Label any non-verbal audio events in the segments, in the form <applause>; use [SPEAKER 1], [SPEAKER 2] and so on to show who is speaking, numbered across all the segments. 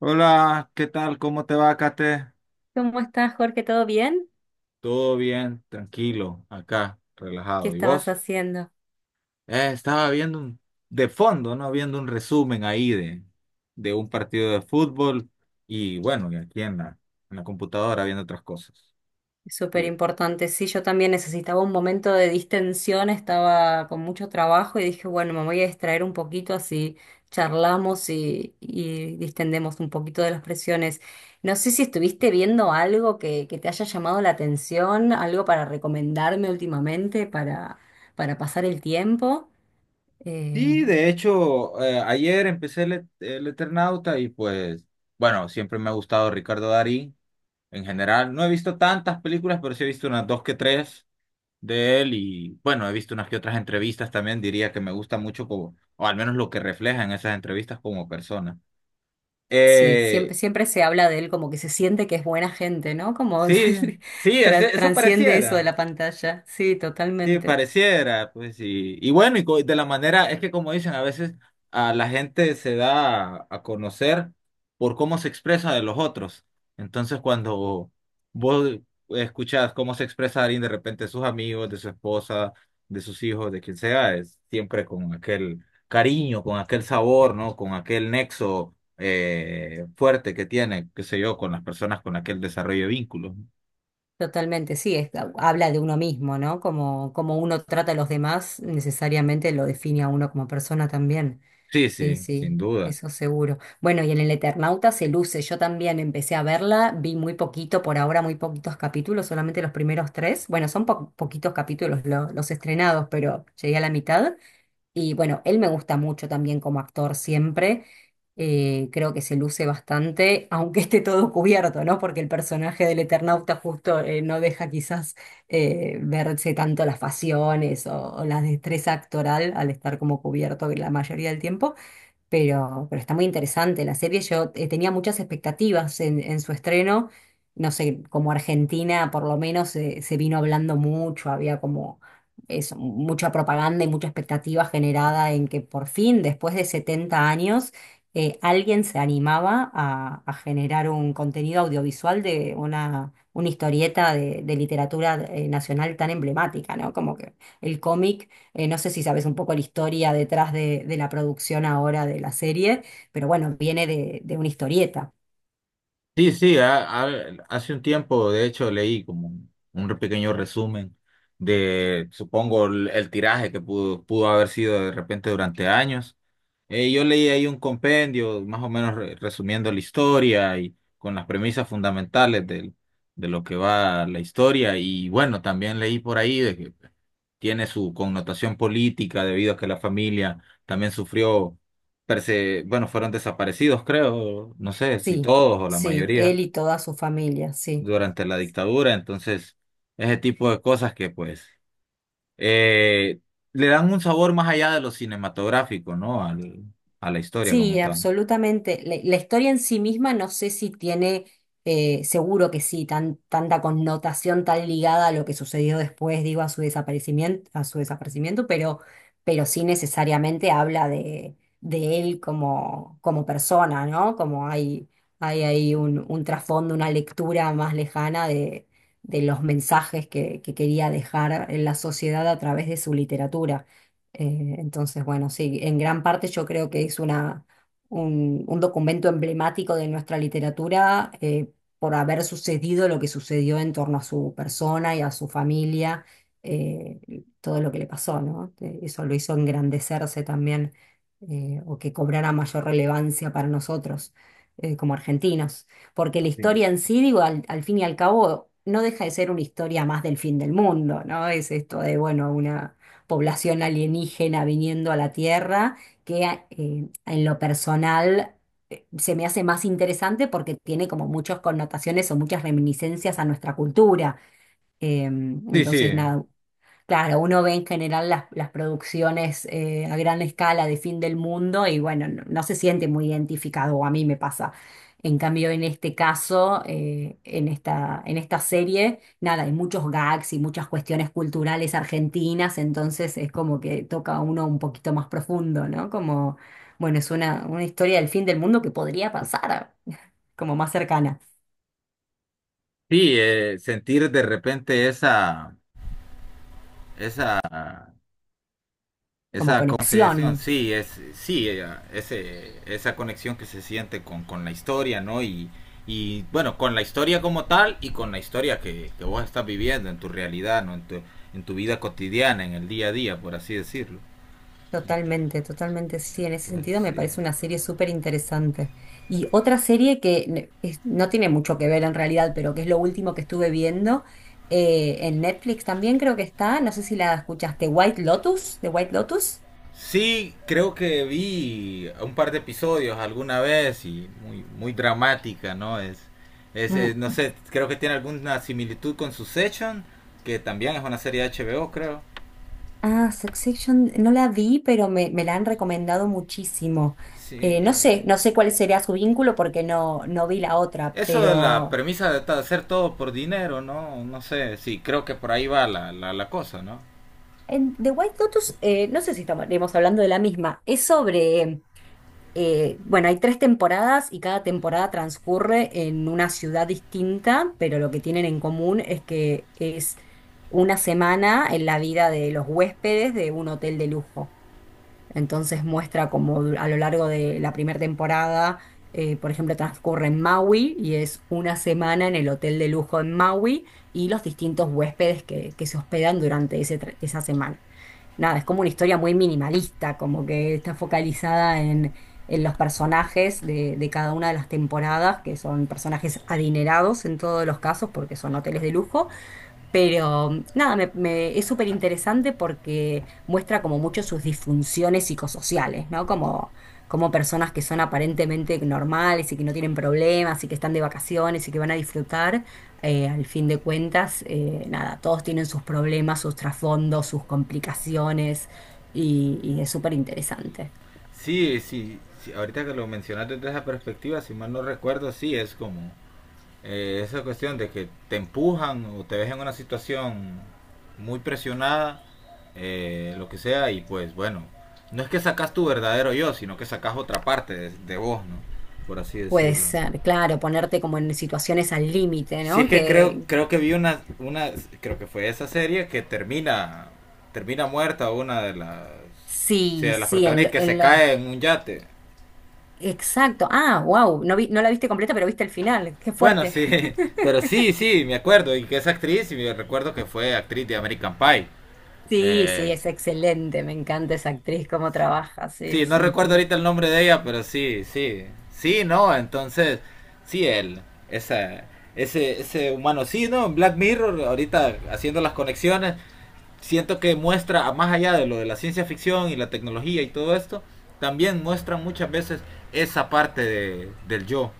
[SPEAKER 1] Hola, ¿qué tal? ¿Cómo te va, Kate?
[SPEAKER 2] ¿Cómo estás, Jorge? ¿Todo bien?
[SPEAKER 1] Todo bien, tranquilo, acá,
[SPEAKER 2] ¿Qué
[SPEAKER 1] relajado. ¿Y
[SPEAKER 2] estabas
[SPEAKER 1] vos?
[SPEAKER 2] haciendo?
[SPEAKER 1] Estaba viendo de fondo, ¿no? Viendo un resumen ahí de un partido de fútbol y bueno, y aquí en en la computadora viendo otras cosas.
[SPEAKER 2] Es súper
[SPEAKER 1] Y,
[SPEAKER 2] importante. Sí, yo también necesitaba un momento de distensión, estaba con mucho trabajo y dije, bueno, me voy a distraer un poquito, así charlamos y distendemos un poquito de las presiones. No sé si estuviste viendo algo que te haya llamado la atención, algo para recomendarme últimamente para pasar el tiempo. Eh,
[SPEAKER 1] de hecho, ayer empecé el Eternauta y pues, bueno, siempre me ha gustado Ricardo Darín en general. No he visto tantas películas, pero sí he visto unas dos que tres de él. Y bueno, he visto unas que otras entrevistas también. Diría que me gusta mucho como, o al menos lo que refleja en esas entrevistas como persona.
[SPEAKER 2] Sí,
[SPEAKER 1] Eh,
[SPEAKER 2] siempre se habla de él como que se siente que es buena gente, ¿no? Como <laughs>
[SPEAKER 1] sí, sí, ese- eso
[SPEAKER 2] transciende eso de
[SPEAKER 1] pareciera.
[SPEAKER 2] la pantalla. Sí,
[SPEAKER 1] Sí,
[SPEAKER 2] totalmente.
[SPEAKER 1] pareciera, pues. Y bueno, de la manera, es que como dicen, a veces a la gente se da a conocer por cómo se expresa de los otros. Entonces, cuando vos escuchás cómo se expresa alguien de repente de sus amigos, de su esposa, de sus hijos, de quien sea, es siempre con aquel cariño, con aquel sabor, ¿no? Con aquel nexo fuerte que tiene, qué sé yo, con las personas, con aquel desarrollo de vínculos, ¿no?
[SPEAKER 2] Totalmente, sí, habla de uno mismo, ¿no? Como, como uno trata a los demás, necesariamente lo define a uno como persona también.
[SPEAKER 1] Sí,
[SPEAKER 2] Sí,
[SPEAKER 1] sí, sin
[SPEAKER 2] sí,
[SPEAKER 1] duda.
[SPEAKER 2] eso seguro. Bueno, y en El Eternauta se luce. Yo también empecé a verla, vi muy poquito, por ahora muy poquitos capítulos, solamente los primeros tres. Bueno, son poquitos capítulos los estrenados, pero llegué a la mitad. Y bueno, él me gusta mucho también como actor siempre. Creo que se luce bastante, aunque esté todo cubierto, ¿no? Porque el personaje del Eternauta justo no deja quizás verse tanto las facciones o la destreza actoral al estar como cubierto la mayoría del tiempo, pero está muy interesante la serie. Yo tenía muchas expectativas en su estreno. No sé, como Argentina por lo menos se vino hablando mucho, había como eso, mucha propaganda y mucha expectativa generada en que por fin, después de 70 años, alguien se animaba a generar un contenido audiovisual de una historieta de literatura nacional tan emblemática, ¿no? Como que el cómic no sé si sabes un poco la historia detrás de la producción ahora de la serie, pero bueno, viene de una historieta.
[SPEAKER 1] Sí, sí, hace un tiempo, de hecho, leí como un pequeño resumen de, supongo, el tiraje que pudo haber sido de repente durante años. Yo leí ahí un compendio, más o menos resumiendo la historia y con las premisas fundamentales de lo que va la historia. Y bueno, también leí por ahí de que tiene su connotación política debido a que la familia también sufrió bueno, fueron desaparecidos, creo, no sé si
[SPEAKER 2] Sí,
[SPEAKER 1] todos o la
[SPEAKER 2] sí,
[SPEAKER 1] mayoría
[SPEAKER 2] él y toda su familia, sí.
[SPEAKER 1] durante la dictadura. Entonces ese tipo de cosas que pues eh, le dan un sabor más allá de lo cinematográfico, ¿no? Al, a la historia como
[SPEAKER 2] Sí,
[SPEAKER 1] tal.
[SPEAKER 2] absolutamente. La historia en sí misma no sé si tiene, seguro que sí, tan, tanta connotación tan ligada a lo que sucedió después, digo, a su desaparecimiento, pero sí necesariamente habla de él como, como persona, ¿no? Como hay ahí un trasfondo, una lectura más lejana de los mensajes que quería dejar en la sociedad a través de su literatura. Entonces, bueno, sí, en gran parte yo creo que es una, un documento emblemático de nuestra literatura por haber sucedido lo que sucedió en torno a su persona y a su familia, eh, todo lo que le pasó, ¿no? Eso lo hizo engrandecerse también o que cobrara mayor relevancia para nosotros como argentinos. Porque la
[SPEAKER 1] Sí,
[SPEAKER 2] historia en sí, digo, al, al fin y al cabo, no deja de ser una historia más del fin del mundo, ¿no? Es esto de, bueno, una población alienígena viniendo a la Tierra, que en lo personal se me hace más interesante porque tiene como muchas connotaciones o muchas reminiscencias a nuestra cultura.
[SPEAKER 1] sí,
[SPEAKER 2] Entonces,
[SPEAKER 1] sí,
[SPEAKER 2] nada, Claro, uno ve en general las producciones a gran escala de fin del mundo y bueno, no, no se siente muy identificado, o a mí me pasa. En cambio, en este caso, en esta serie, nada, hay muchos gags y muchas cuestiones culturales argentinas, entonces es como que toca a uno un poquito más profundo, ¿no? Como, bueno, es una historia del fin del mundo que podría pasar, <laughs> como más cercana,
[SPEAKER 1] sí, sentir de repente esa
[SPEAKER 2] como
[SPEAKER 1] esa consideración.
[SPEAKER 2] conexión.
[SPEAKER 1] Sí, es, sí, esa conexión que se siente con la historia, ¿no? Y, y bueno, con la historia como tal y con la historia que vos estás viviendo en tu realidad, ¿no? En tu vida cotidiana, en el día a día, por así decirlo. Ento-
[SPEAKER 2] Totalmente, totalmente, sí, en ese
[SPEAKER 1] entonces,
[SPEAKER 2] sentido me
[SPEAKER 1] sí.
[SPEAKER 2] parece una serie súper interesante. Y otra serie que no tiene mucho que ver en realidad, pero que es lo último que estuve viendo en Netflix también creo que está, no sé si la escuchaste, White Lotus, de White Lotus.
[SPEAKER 1] Sí, creo que vi un par de episodios alguna vez y muy, muy dramática, ¿no? Es, no
[SPEAKER 2] Mm.
[SPEAKER 1] sé, creo que tiene alguna similitud con Succession, que también es una serie de HBO, creo.
[SPEAKER 2] Ah, Succession, no la vi, pero me la han recomendado muchísimo.
[SPEAKER 1] Sí,
[SPEAKER 2] No sé, no sé cuál sería su vínculo porque no, no vi la otra,
[SPEAKER 1] eso de la
[SPEAKER 2] pero
[SPEAKER 1] premisa de hacer todo por dinero, ¿no? No sé, sí, creo que por ahí va la, la, la cosa, ¿no?
[SPEAKER 2] en The White Lotus, no sé si estaremos hablando de la misma, es sobre... bueno, hay tres temporadas y cada temporada transcurre en una ciudad distinta, pero lo que tienen en común es que es una semana en la vida de los huéspedes de un hotel de lujo. Entonces muestra como a lo largo de la primera temporada, por ejemplo, transcurre en Maui y es una semana en el hotel de lujo en Maui y los distintos huéspedes que se hospedan durante esa semana, nada, es como una historia muy minimalista, como que está focalizada en los personajes de cada una de las temporadas, que son personajes adinerados en todos los casos porque son hoteles de lujo, pero mm, nada, me- es súper interesante porque muestra como mucho sus disfunciones psicosociales, ¿no? Como, como personas que son aparentemente normales y que no tienen problemas y que están de vacaciones y que van a disfrutar, al fin de cuentas, nada, todos tienen sus problemas, sus trasfondos, sus complicaciones y es súper interesante.
[SPEAKER 1] Sí, sí, sí, ahorita que lo mencionaste desde esa perspectiva, si mal no recuerdo, sí, es como esa cuestión de que te empujan o te ves en una situación muy presionada, lo que sea, y pues bueno, no es que sacas tu verdadero yo, sino que sacas otra parte de vos, ¿no? Por así
[SPEAKER 2] Puede
[SPEAKER 1] decirlo.
[SPEAKER 2] ser, claro, ponerte como en situaciones al límite,
[SPEAKER 1] Si es
[SPEAKER 2] ¿no?
[SPEAKER 1] que creo,
[SPEAKER 2] Que
[SPEAKER 1] creo que vi una, creo que fue esa serie que termina, termina muerta una de las, sí,
[SPEAKER 2] sí,
[SPEAKER 1] de las
[SPEAKER 2] sí, en,
[SPEAKER 1] protagonistas que se
[SPEAKER 2] en los...
[SPEAKER 1] cae en un yate.
[SPEAKER 2] Exacto. Ah, wow. No vi, no la viste completa, pero viste el final. Qué
[SPEAKER 1] Bueno,
[SPEAKER 2] fuerte.
[SPEAKER 1] sí, <laughs>
[SPEAKER 2] <laughs>
[SPEAKER 1] pero sí, sí, me acuerdo, y que es actriz, y me recuerdo que fue actriz de American Pie.
[SPEAKER 2] Sí, sí,
[SPEAKER 1] Eh,
[SPEAKER 2] es excelente. Me encanta esa actriz, cómo trabaja. Sí,
[SPEAKER 1] sí, no recuerdo ahorita el nombre de ella, pero sí, sí, sí, no, entonces, sí, él, esa, ese humano, sí, ¿no? En Black Mirror, ahorita haciendo las conexiones, siento que muestra, más allá de lo de la ciencia ficción y la tecnología y todo esto, también muestra muchas veces esa parte de, del yo,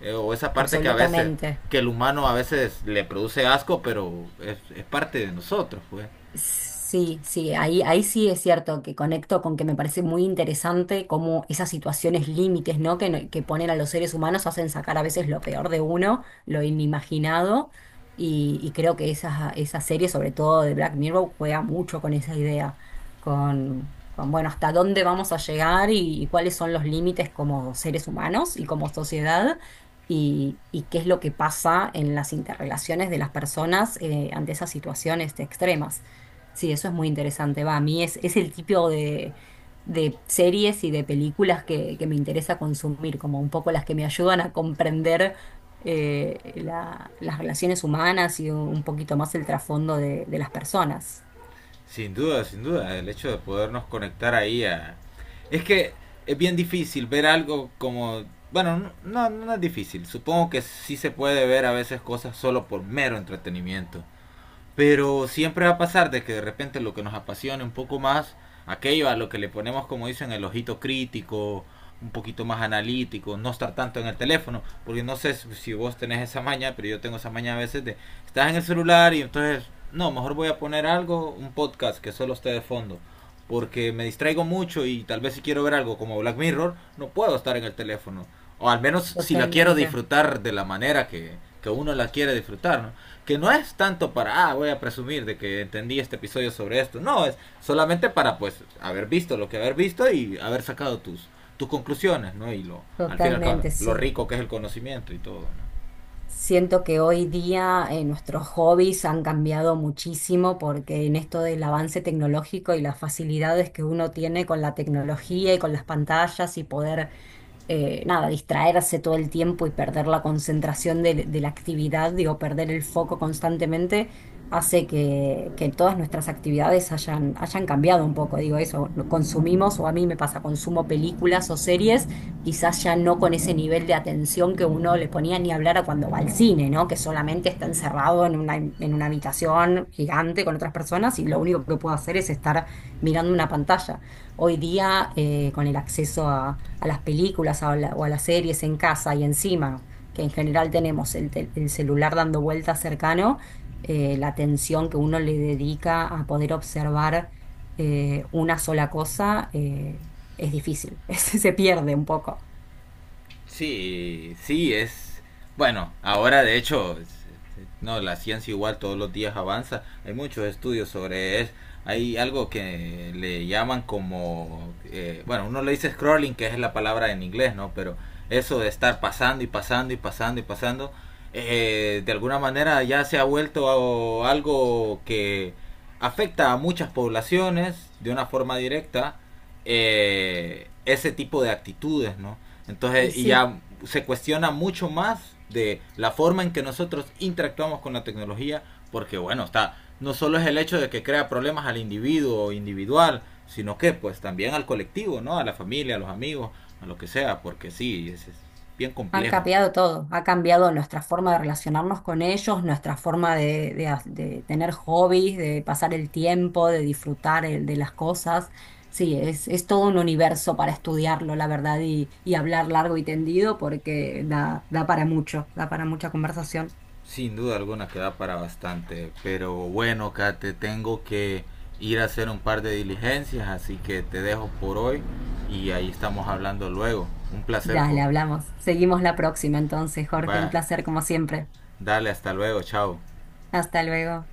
[SPEAKER 1] o esa parte que a veces,
[SPEAKER 2] absolutamente.
[SPEAKER 1] que el humano a veces le produce asco, pero es parte de nosotros, pues.
[SPEAKER 2] Sí, sí, ahí, ahí sí es cierto que conecto con que me parece muy interesante cómo esas situaciones límites, ¿no? Que, que ponen a los seres humanos hacen sacar a veces lo peor de uno, lo inimaginado, y creo que esa serie, sobre todo de Black Mirror, juega mucho con esa idea, con bueno, hasta dónde vamos a llegar y cuáles son los límites como seres humanos y como sociedad. Y qué es lo que pasa en las interrelaciones de las personas ante esas situaciones extremas. Sí, eso es muy interesante. Va, a mí es el tipo de series y de películas que me interesa consumir, como un poco las que me ayudan a comprender las relaciones humanas y un poquito más el trasfondo de las personas.
[SPEAKER 1] Sin duda, sin duda, el hecho de podernos conectar ahí a... Es que es bien difícil ver algo como... Bueno, no, no, no es difícil. Supongo que sí se puede ver a veces cosas solo por mero entretenimiento. Pero siempre va a pasar de que de repente lo que nos apasione un poco más, aquello a lo que le ponemos, como dicen, el ojito crítico, un poquito más analítico, no estar tanto en el teléfono, porque no sé si si vos tenés esa maña, pero yo tengo esa maña a veces de estás en el celular y entonces, no, mejor voy a poner algo, un podcast que solo esté de fondo, porque me distraigo mucho y tal vez si quiero ver algo como Black Mirror, no puedo estar en el teléfono, o al menos si la quiero
[SPEAKER 2] Totalmente,
[SPEAKER 1] disfrutar de la manera que uno la quiere disfrutar, ¿no? Que no es tanto para, ah, voy a presumir de que entendí este episodio sobre esto. No, es solamente para, pues, haber visto lo que haber visto y haber sacado tus, tus conclusiones, ¿no? Y lo, al fin y al cabo,
[SPEAKER 2] totalmente,
[SPEAKER 1] lo
[SPEAKER 2] sí.
[SPEAKER 1] rico que es el conocimiento y todo, ¿no?
[SPEAKER 2] Siento que hoy día nuestros hobbies han cambiado muchísimo porque en esto del avance tecnológico y las facilidades que uno tiene con la tecnología y con las pantallas y poder nada, distraerse todo el tiempo y perder la concentración de la actividad, digo, perder el foco constantemente, hace que todas nuestras actividades hayan, hayan cambiado un poco. Digo, eso, lo consumimos, o a mí me pasa, consumo películas o series, quizás ya no con ese nivel de atención que uno le ponía ni hablar a cuando va al cine, ¿no? Que solamente está encerrado en una habitación gigante con otras personas y lo único que puedo hacer es estar mirando una pantalla. Hoy día, con el acceso a las películas a la- o a las series en casa y encima, que en general tenemos el celular dando vueltas cercano, la atención que uno le dedica a poder observar una sola cosa es difícil, <laughs> se pierde un poco.
[SPEAKER 1] Sí, sí, es... Bueno, ahora de hecho, no, la ciencia igual todos los días avanza. Hay muchos estudios sobre eso. Hay algo que le llaman como... bueno, uno le dice scrolling, que es la palabra en inglés, ¿no? Pero eso de estar pasando y pasando y pasando y pasando, de alguna manera ya se ha vuelto algo que afecta a muchas poblaciones de una forma directa, ese tipo de actitudes, ¿no?
[SPEAKER 2] Y
[SPEAKER 1] Entonces, y
[SPEAKER 2] sí.
[SPEAKER 1] ya se cuestiona mucho más de la forma en que nosotros interactuamos con la tecnología, porque bueno, está, no solo es el hecho de que crea problemas al individuo individual, sino que pues también al colectivo, ¿no? A la familia, a los amigos, a lo que sea, porque sí, es bien
[SPEAKER 2] Han
[SPEAKER 1] complejo.
[SPEAKER 2] cambiado todo, ha cambiado nuestra forma de relacionarnos con ellos, nuestra forma de de tener hobbies, de pasar el tiempo, de disfrutar de las cosas. Sí, es todo un universo para estudiarlo, la verdad, y hablar largo y tendido porque da, da para mucho, da para mucha conversación.
[SPEAKER 1] Sin duda alguna que da para bastante, pero bueno, Kate, tengo que ir a hacer un par de diligencias, así que te dejo por hoy y ahí estamos hablando luego. Un placer,
[SPEAKER 2] Dale,
[SPEAKER 1] co.
[SPEAKER 2] hablamos. Seguimos la próxima entonces, Jorge, un
[SPEAKER 1] Bye.
[SPEAKER 2] placer como siempre.
[SPEAKER 1] Dale, hasta luego, chao.
[SPEAKER 2] Hasta luego.